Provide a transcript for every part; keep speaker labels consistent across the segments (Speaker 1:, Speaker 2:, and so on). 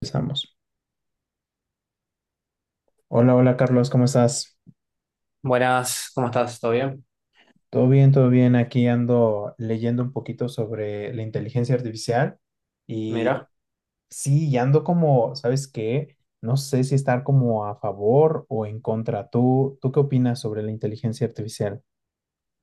Speaker 1: Empezamos. Hola, hola Carlos, ¿cómo estás?
Speaker 2: Buenas, ¿cómo estás? ¿Todo bien?
Speaker 1: Todo bien, todo bien. Aquí ando leyendo un poquito sobre la inteligencia artificial y
Speaker 2: Mira,
Speaker 1: sí, y ando como, ¿sabes qué? No sé si estar como a favor o en contra. ¿Tú qué opinas sobre la inteligencia artificial?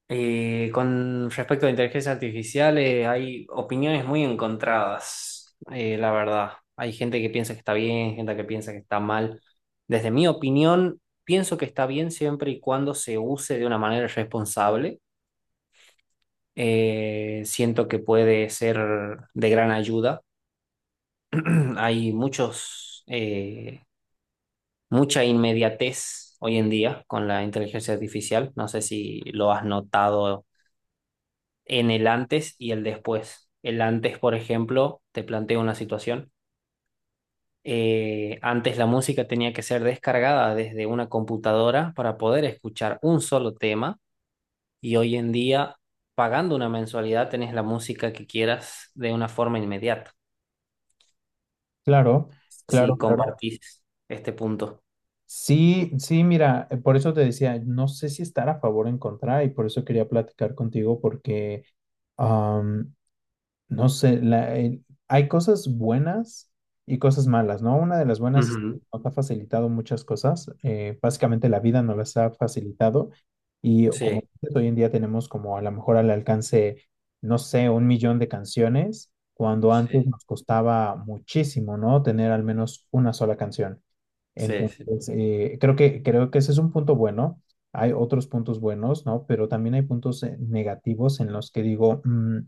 Speaker 2: con respecto a inteligencia artificial, hay opiniones muy encontradas, la verdad. Hay gente que piensa que está bien, gente que piensa que está mal. Desde mi opinión, pienso que está bien siempre y cuando se use de una manera responsable. Siento que puede ser de gran ayuda. Hay mucha inmediatez hoy en día con la inteligencia artificial. No sé si lo has notado en el antes y el después. El antes, por ejemplo, te planteo una situación. Antes la música tenía que ser descargada desde una computadora para poder escuchar un solo tema y hoy en día, pagando una mensualidad, tenés la música que quieras de una forma inmediata.
Speaker 1: Claro, claro,
Speaker 2: Si
Speaker 1: claro.
Speaker 2: compartís este punto.
Speaker 1: Sí, sí, mira, por eso te decía, no sé si estar a favor o en contra y por eso quería platicar contigo porque... No sé, hay cosas buenas y cosas malas, ¿no? Una de las buenas es que
Speaker 2: Ujú.
Speaker 1: nos ha facilitado muchas cosas, básicamente la vida nos las ha facilitado y como
Speaker 2: Sí,
Speaker 1: dices, hoy en día tenemos como a lo mejor al alcance, no sé, un millón de canciones, cuando antes
Speaker 2: sí,
Speaker 1: nos costaba muchísimo, ¿no? Tener al menos una sola canción.
Speaker 2: sí, sí,
Speaker 1: Entonces, creo que ese es un punto bueno. Hay otros puntos buenos, ¿no? Pero también hay puntos negativos en los que digo,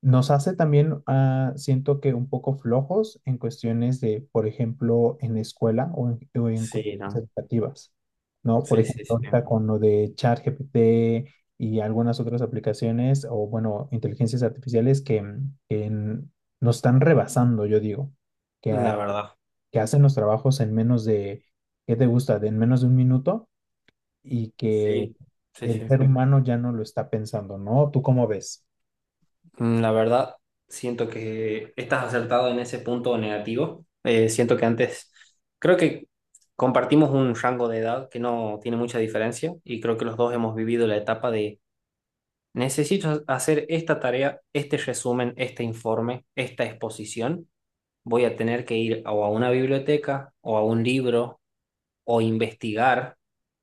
Speaker 1: nos hace también, siento que un poco flojos en cuestiones de, por ejemplo, en la escuela o en
Speaker 2: sí,
Speaker 1: cuestiones
Speaker 2: no.
Speaker 1: educativas, ¿no? Por
Speaker 2: Sí,
Speaker 1: ejemplo,
Speaker 2: sí, sí.
Speaker 1: ahorita con lo de ChatGPT y algunas otras aplicaciones o, bueno, inteligencias artificiales que nos están rebasando, yo digo,
Speaker 2: La verdad.
Speaker 1: que hacen los trabajos en menos de, ¿qué te gusta? De en menos de un minuto y que
Speaker 2: Sí, sí,
Speaker 1: el
Speaker 2: sí.
Speaker 1: ser humano ya no lo está pensando, ¿no? ¿Tú cómo ves?
Speaker 2: La verdad, siento que estás acertado en ese punto negativo. Siento que antes, creo que compartimos un rango de edad que no tiene mucha diferencia y creo que los dos hemos vivido la etapa de necesito hacer esta tarea, este resumen, este informe, esta exposición. Voy a tener que ir o a una biblioteca o a un libro o investigar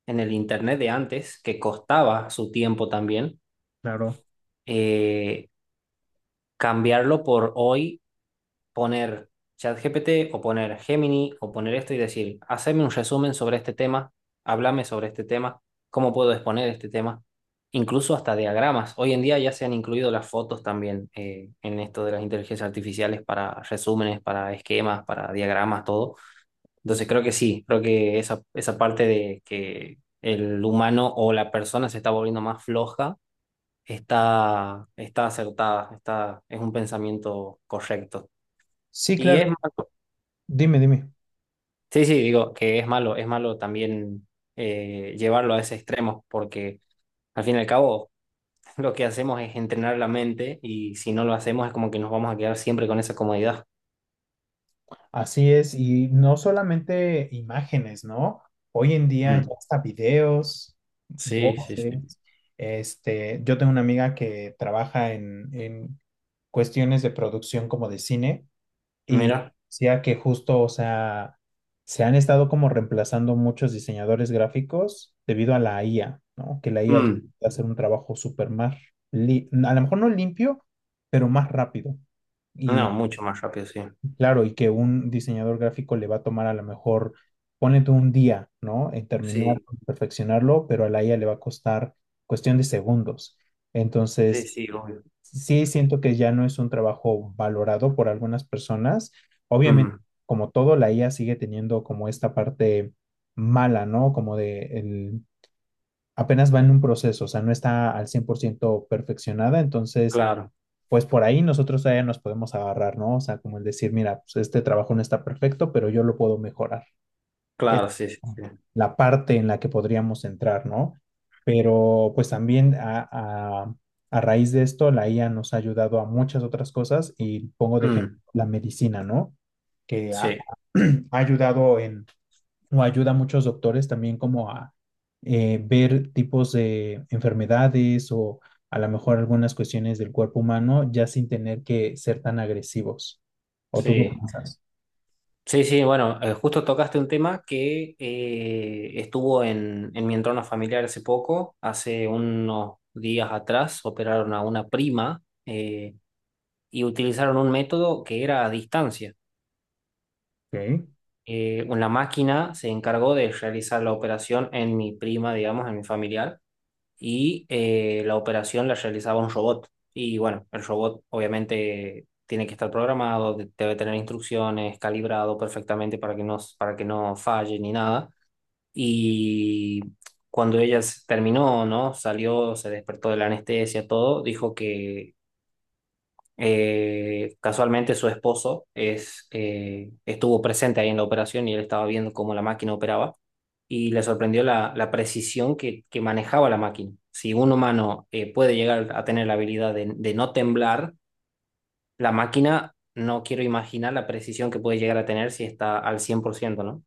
Speaker 2: en el internet de antes, que costaba su tiempo también.
Speaker 1: Claro.
Speaker 2: eh, cambiarlo por hoy poner ChatGPT o poner Gemini o poner esto y decir, haceme un resumen sobre este tema, háblame sobre este tema, cómo puedo exponer este tema, incluso hasta diagramas. Hoy en día ya se han incluido las fotos también en esto de las inteligencias artificiales para resúmenes, para esquemas, para diagramas, todo. Entonces creo que sí, creo que esa parte de que el humano o la persona se está volviendo más floja está acertada, es un pensamiento correcto.
Speaker 1: Sí,
Speaker 2: Y
Speaker 1: claro.
Speaker 2: es más.
Speaker 1: Dime, dime.
Speaker 2: Sí, sí, digo que es malo también llevarlo a ese extremo, porque al fin y al cabo lo que hacemos es entrenar la mente y si no lo hacemos es como que nos vamos a quedar siempre con esa comodidad.
Speaker 1: Así es, y no solamente imágenes, ¿no? Hoy en día ya
Speaker 2: Mm,
Speaker 1: hasta videos,
Speaker 2: sí, sí, sí.
Speaker 1: voces. Este, yo tengo una amiga que trabaja en cuestiones de producción como de cine y
Speaker 2: Mira.
Speaker 1: decía que justo, o sea, se han estado como reemplazando muchos diseñadores gráficos debido a la IA, ¿no? Que la IA ya
Speaker 2: Mm,
Speaker 1: puede hacer un trabajo súper más, a lo mejor no limpio, pero más rápido.
Speaker 2: no,
Speaker 1: Y
Speaker 2: mucho más rápido, sí.
Speaker 1: claro, y que un diseñador gráfico le va a tomar a lo mejor, ponete un día, ¿no? En terminar,
Speaker 2: Sí,
Speaker 1: perfeccionarlo, pero a la IA le va a costar cuestión de segundos.
Speaker 2: sí,
Speaker 1: Entonces,
Speaker 2: sí, obvio.
Speaker 1: sí siento que ya no es un trabajo valorado por algunas personas. Obviamente,
Speaker 2: Mm,
Speaker 1: como todo, la IA sigue teniendo como esta parte mala, ¿no? Como de el, apenas va en un proceso, o sea, no está al 100% perfeccionada, entonces
Speaker 2: claro,
Speaker 1: pues por ahí nosotros todavía nos podemos agarrar, ¿no? O sea, como el decir, mira, pues este trabajo no está perfecto, pero yo lo puedo mejorar. Es
Speaker 2: claro, sí, sí, sí.
Speaker 1: la parte en la que podríamos entrar, ¿no? Pero pues también a raíz de esto, la IA nos ha ayudado a muchas otras cosas y pongo de ejemplo
Speaker 2: Mm,
Speaker 1: la medicina, ¿no? Que ha,
Speaker 2: sí,
Speaker 1: ha ayudado en o ayuda a muchos doctores también como a ver tipos de enfermedades o a lo mejor algunas cuestiones del cuerpo humano ya sin tener que ser tan agresivos. ¿O tú qué
Speaker 2: sí.
Speaker 1: piensas?
Speaker 2: Sí, sí, bueno, justo tocaste un tema que estuvo en mi entorno familiar hace poco, hace unos días atrás operaron a una prima y utilizaron un método que era a distancia.
Speaker 1: Ok.
Speaker 2: Una máquina se encargó de realizar la operación en mi prima, digamos, en mi familiar, y la operación la realizaba un robot. Y bueno, el robot obviamente tiene que estar programado, debe tener instrucciones, calibrado perfectamente para que no falle ni nada. Y cuando ella terminó, ¿no? Salió, se despertó de la anestesia, todo, dijo que casualmente su esposo estuvo presente ahí en la operación y él estaba viendo cómo la máquina operaba y le sorprendió la precisión que manejaba la máquina. Si un humano puede llegar a tener la habilidad de no temblar, la máquina no quiero imaginar la precisión que puede llegar a tener si está al cien por ciento, ¿no?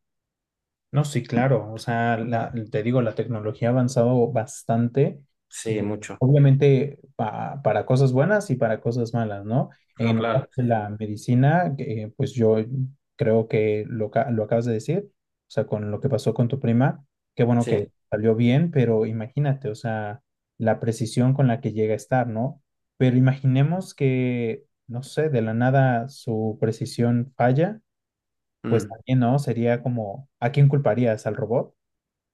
Speaker 1: No, sí, claro. O sea, te digo, la tecnología ha avanzado bastante,
Speaker 2: Sí, mucho.
Speaker 1: obviamente para cosas buenas y para cosas malas, ¿no?
Speaker 2: No,
Speaker 1: En la
Speaker 2: claro.
Speaker 1: parte de
Speaker 2: Sí, sí.
Speaker 1: la medicina, que, pues yo creo que lo acabas de decir, o sea, con lo que pasó con tu prima, qué bueno que
Speaker 2: Sí.
Speaker 1: salió bien, pero imagínate, o sea, la precisión con la que llega a estar, ¿no? Pero imaginemos que, no sé, de la nada su precisión falla pues
Speaker 2: Mm,
Speaker 1: también, ¿no? Sería como, ¿a quién culparías? ¿Al robot?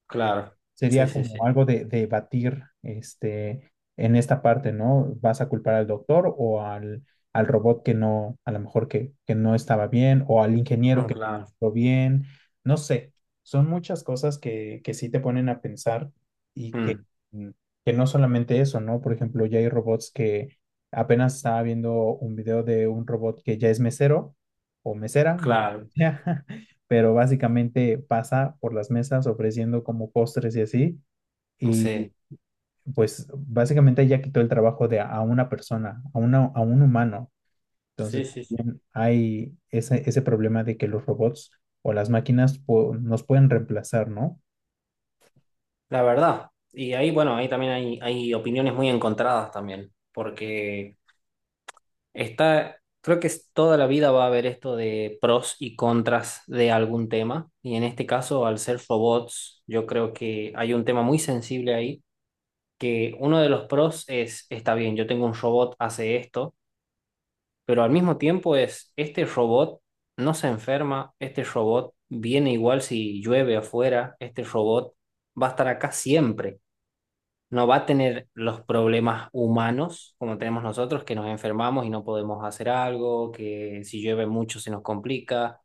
Speaker 2: claro. Sí,
Speaker 1: Sería
Speaker 2: sí, sí.
Speaker 1: como algo de debatir, este, en esta parte, ¿no? ¿Vas a culpar al doctor o al robot que no, a lo mejor que no estaba bien, o al ingeniero
Speaker 2: No,
Speaker 1: que
Speaker 2: claro.
Speaker 1: no estuvo bien? No sé, son muchas cosas que sí te ponen a pensar y
Speaker 2: Mm,
Speaker 1: mm, que no solamente eso, ¿no? Por ejemplo, ya hay robots que apenas estaba viendo un video de un robot que ya es mesero o mesera, ¿no?
Speaker 2: claro.
Speaker 1: Pero básicamente pasa por las mesas ofreciendo como postres y así, y
Speaker 2: Sí.
Speaker 1: pues básicamente ya quitó el trabajo de a una persona, a, una, a un humano. Entonces
Speaker 2: Sí, sí, sí.
Speaker 1: también hay ese problema de que los robots o las máquinas nos pueden reemplazar, ¿no?
Speaker 2: La verdad. Y ahí, bueno, ahí también hay opiniones muy encontradas también, porque está, creo que toda la vida va a haber esto de pros y contras de algún tema, y en este caso, al ser robots, yo creo que hay un tema muy sensible ahí, que uno de los pros es, está bien, yo tengo un robot, hace esto, pero al mismo tiempo este robot no se enferma, este robot viene igual si llueve afuera, este robot va a estar acá siempre. No va a tener los problemas humanos como tenemos nosotros, que nos enfermamos y no podemos hacer algo, que si llueve mucho se nos complica,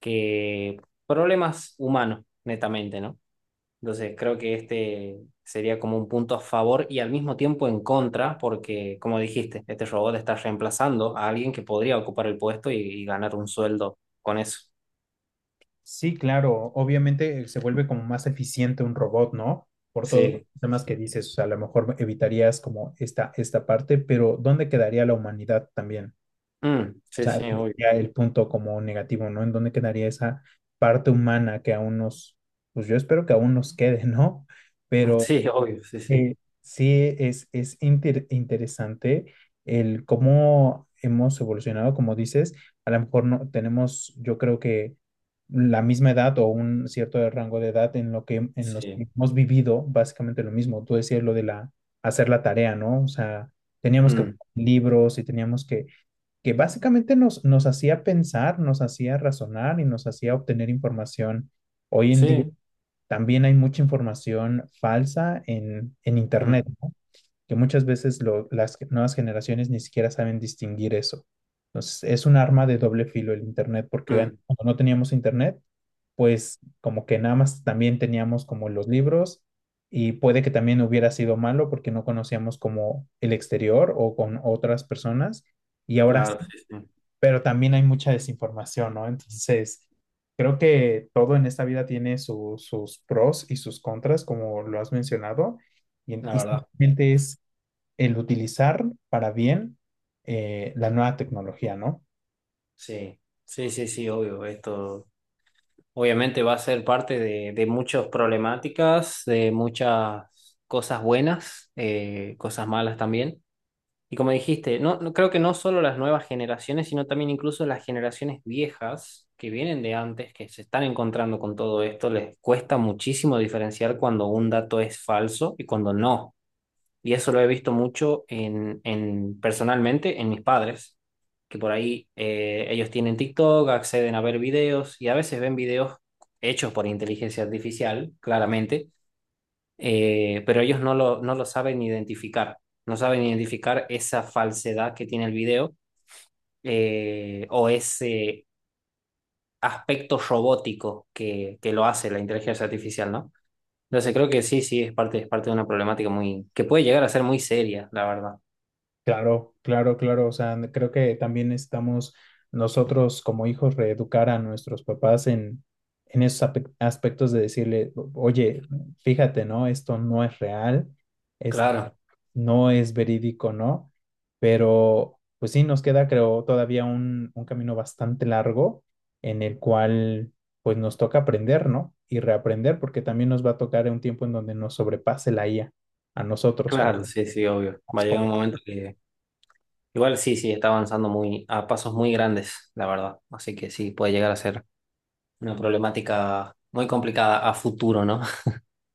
Speaker 2: que problemas humanos, netamente, ¿no? Entonces creo que este sería como un punto a favor y al mismo tiempo en contra, porque como dijiste, este robot está reemplazando a alguien que podría ocupar el puesto y ganar un sueldo con eso.
Speaker 1: Sí, claro, obviamente se vuelve como más eficiente un robot, ¿no? Por todos los
Speaker 2: Sí,
Speaker 1: temas que dices, o sea, a lo mejor evitarías como esta parte, pero ¿dónde quedaría la humanidad también?
Speaker 2: mm,
Speaker 1: O
Speaker 2: sí,
Speaker 1: sea,
Speaker 2: sí,
Speaker 1: ese
Speaker 2: obvio.
Speaker 1: sería el punto como negativo, ¿no? ¿En dónde quedaría esa parte humana que aún nos, pues yo espero que aún nos quede, ¿no? Pero
Speaker 2: Sí, obvio, sí, sí,
Speaker 1: eh, sí es interesante el cómo hemos evolucionado, como dices, a lo mejor no tenemos, yo creo que la misma edad o un cierto rango de edad en lo que en los
Speaker 2: sí.
Speaker 1: que hemos vivido básicamente lo mismo. Tú decías lo de la hacer la tarea, ¿no? O sea, teníamos que
Speaker 2: Mm,
Speaker 1: buscar libros y teníamos que básicamente nos, nos hacía pensar, nos hacía razonar y nos hacía obtener información. Hoy en día
Speaker 2: sí,
Speaker 1: también hay mucha información falsa en
Speaker 2: mm,
Speaker 1: Internet, ¿no? Que muchas veces las nuevas generaciones ni siquiera saben distinguir eso. Entonces, es un arma de doble filo el Internet, porque
Speaker 2: mm.
Speaker 1: cuando no teníamos Internet, pues como que nada más también teníamos como los libros y puede que también hubiera sido malo porque no conocíamos como el exterior o con otras personas. Y ahora
Speaker 2: Claro, sí, sí,
Speaker 1: pero también hay mucha desinformación, ¿no? Entonces, creo que todo en esta vida tiene sus pros y sus contras, como lo has mencionado, y,
Speaker 2: la
Speaker 1: y
Speaker 2: verdad.
Speaker 1: simplemente es el utilizar para bien la nueva tecnología, ¿no?
Speaker 2: Sí, sí, sí, sí, obvio. Esto obviamente va a ser parte de muchas problemáticas, de muchas cosas buenas, cosas malas también. Y como dijiste, creo que no solo las nuevas generaciones, sino también incluso las generaciones viejas que vienen de antes, que se están encontrando con todo esto, les cuesta muchísimo diferenciar cuando un dato es falso y cuando no. Y eso lo he visto mucho en personalmente en mis padres, que por ahí ellos tienen TikTok, acceden a ver videos y a veces ven videos hechos por inteligencia artificial, claramente, pero ellos no lo saben identificar, no saben identificar esa falsedad que tiene el video o ese aspecto robótico que lo hace la inteligencia artificial, ¿no? Entonces creo que sí, sí, es parte de una problemática muy, que puede llegar a ser muy seria, la verdad.
Speaker 1: Claro, claro, claro, o sea, creo que también necesitamos nosotros como hijos reeducar a nuestros papás en esos aspectos de decirle, oye, fíjate, ¿no? Esto no es real,
Speaker 2: Claro.
Speaker 1: no es verídico, ¿no? Pero pues sí, nos queda, creo, todavía un camino bastante largo en el cual pues nos toca aprender, ¿no? Y reaprender, porque también nos va a tocar en un tiempo en donde nos sobrepase la IA a nosotros como
Speaker 2: Claro, sí, sí, obvio. Va
Speaker 1: más
Speaker 2: a llegar un
Speaker 1: jóvenes.
Speaker 2: momento que igual sí, sí, está avanzando muy a pasos muy grandes, la verdad. Así que sí, puede llegar a ser una problemática muy complicada a futuro, ¿no?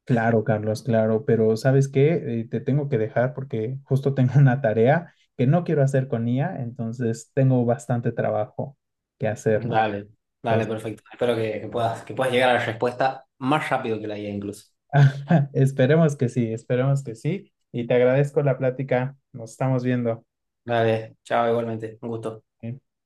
Speaker 1: Claro, Carlos, claro, pero ¿sabes qué? Te tengo que dejar porque justo tengo una tarea que no quiero hacer con IA, entonces tengo bastante trabajo que hacer, ¿no?
Speaker 2: Dale, dale,
Speaker 1: Entonces,
Speaker 2: perfecto. Espero que puedas llegar a la respuesta más rápido que la IA incluso.
Speaker 1: esperemos que sí, esperemos que sí. Y te agradezco la plática. Nos estamos viendo.
Speaker 2: Dale, chao, igualmente. Un gusto.
Speaker 1: Ok.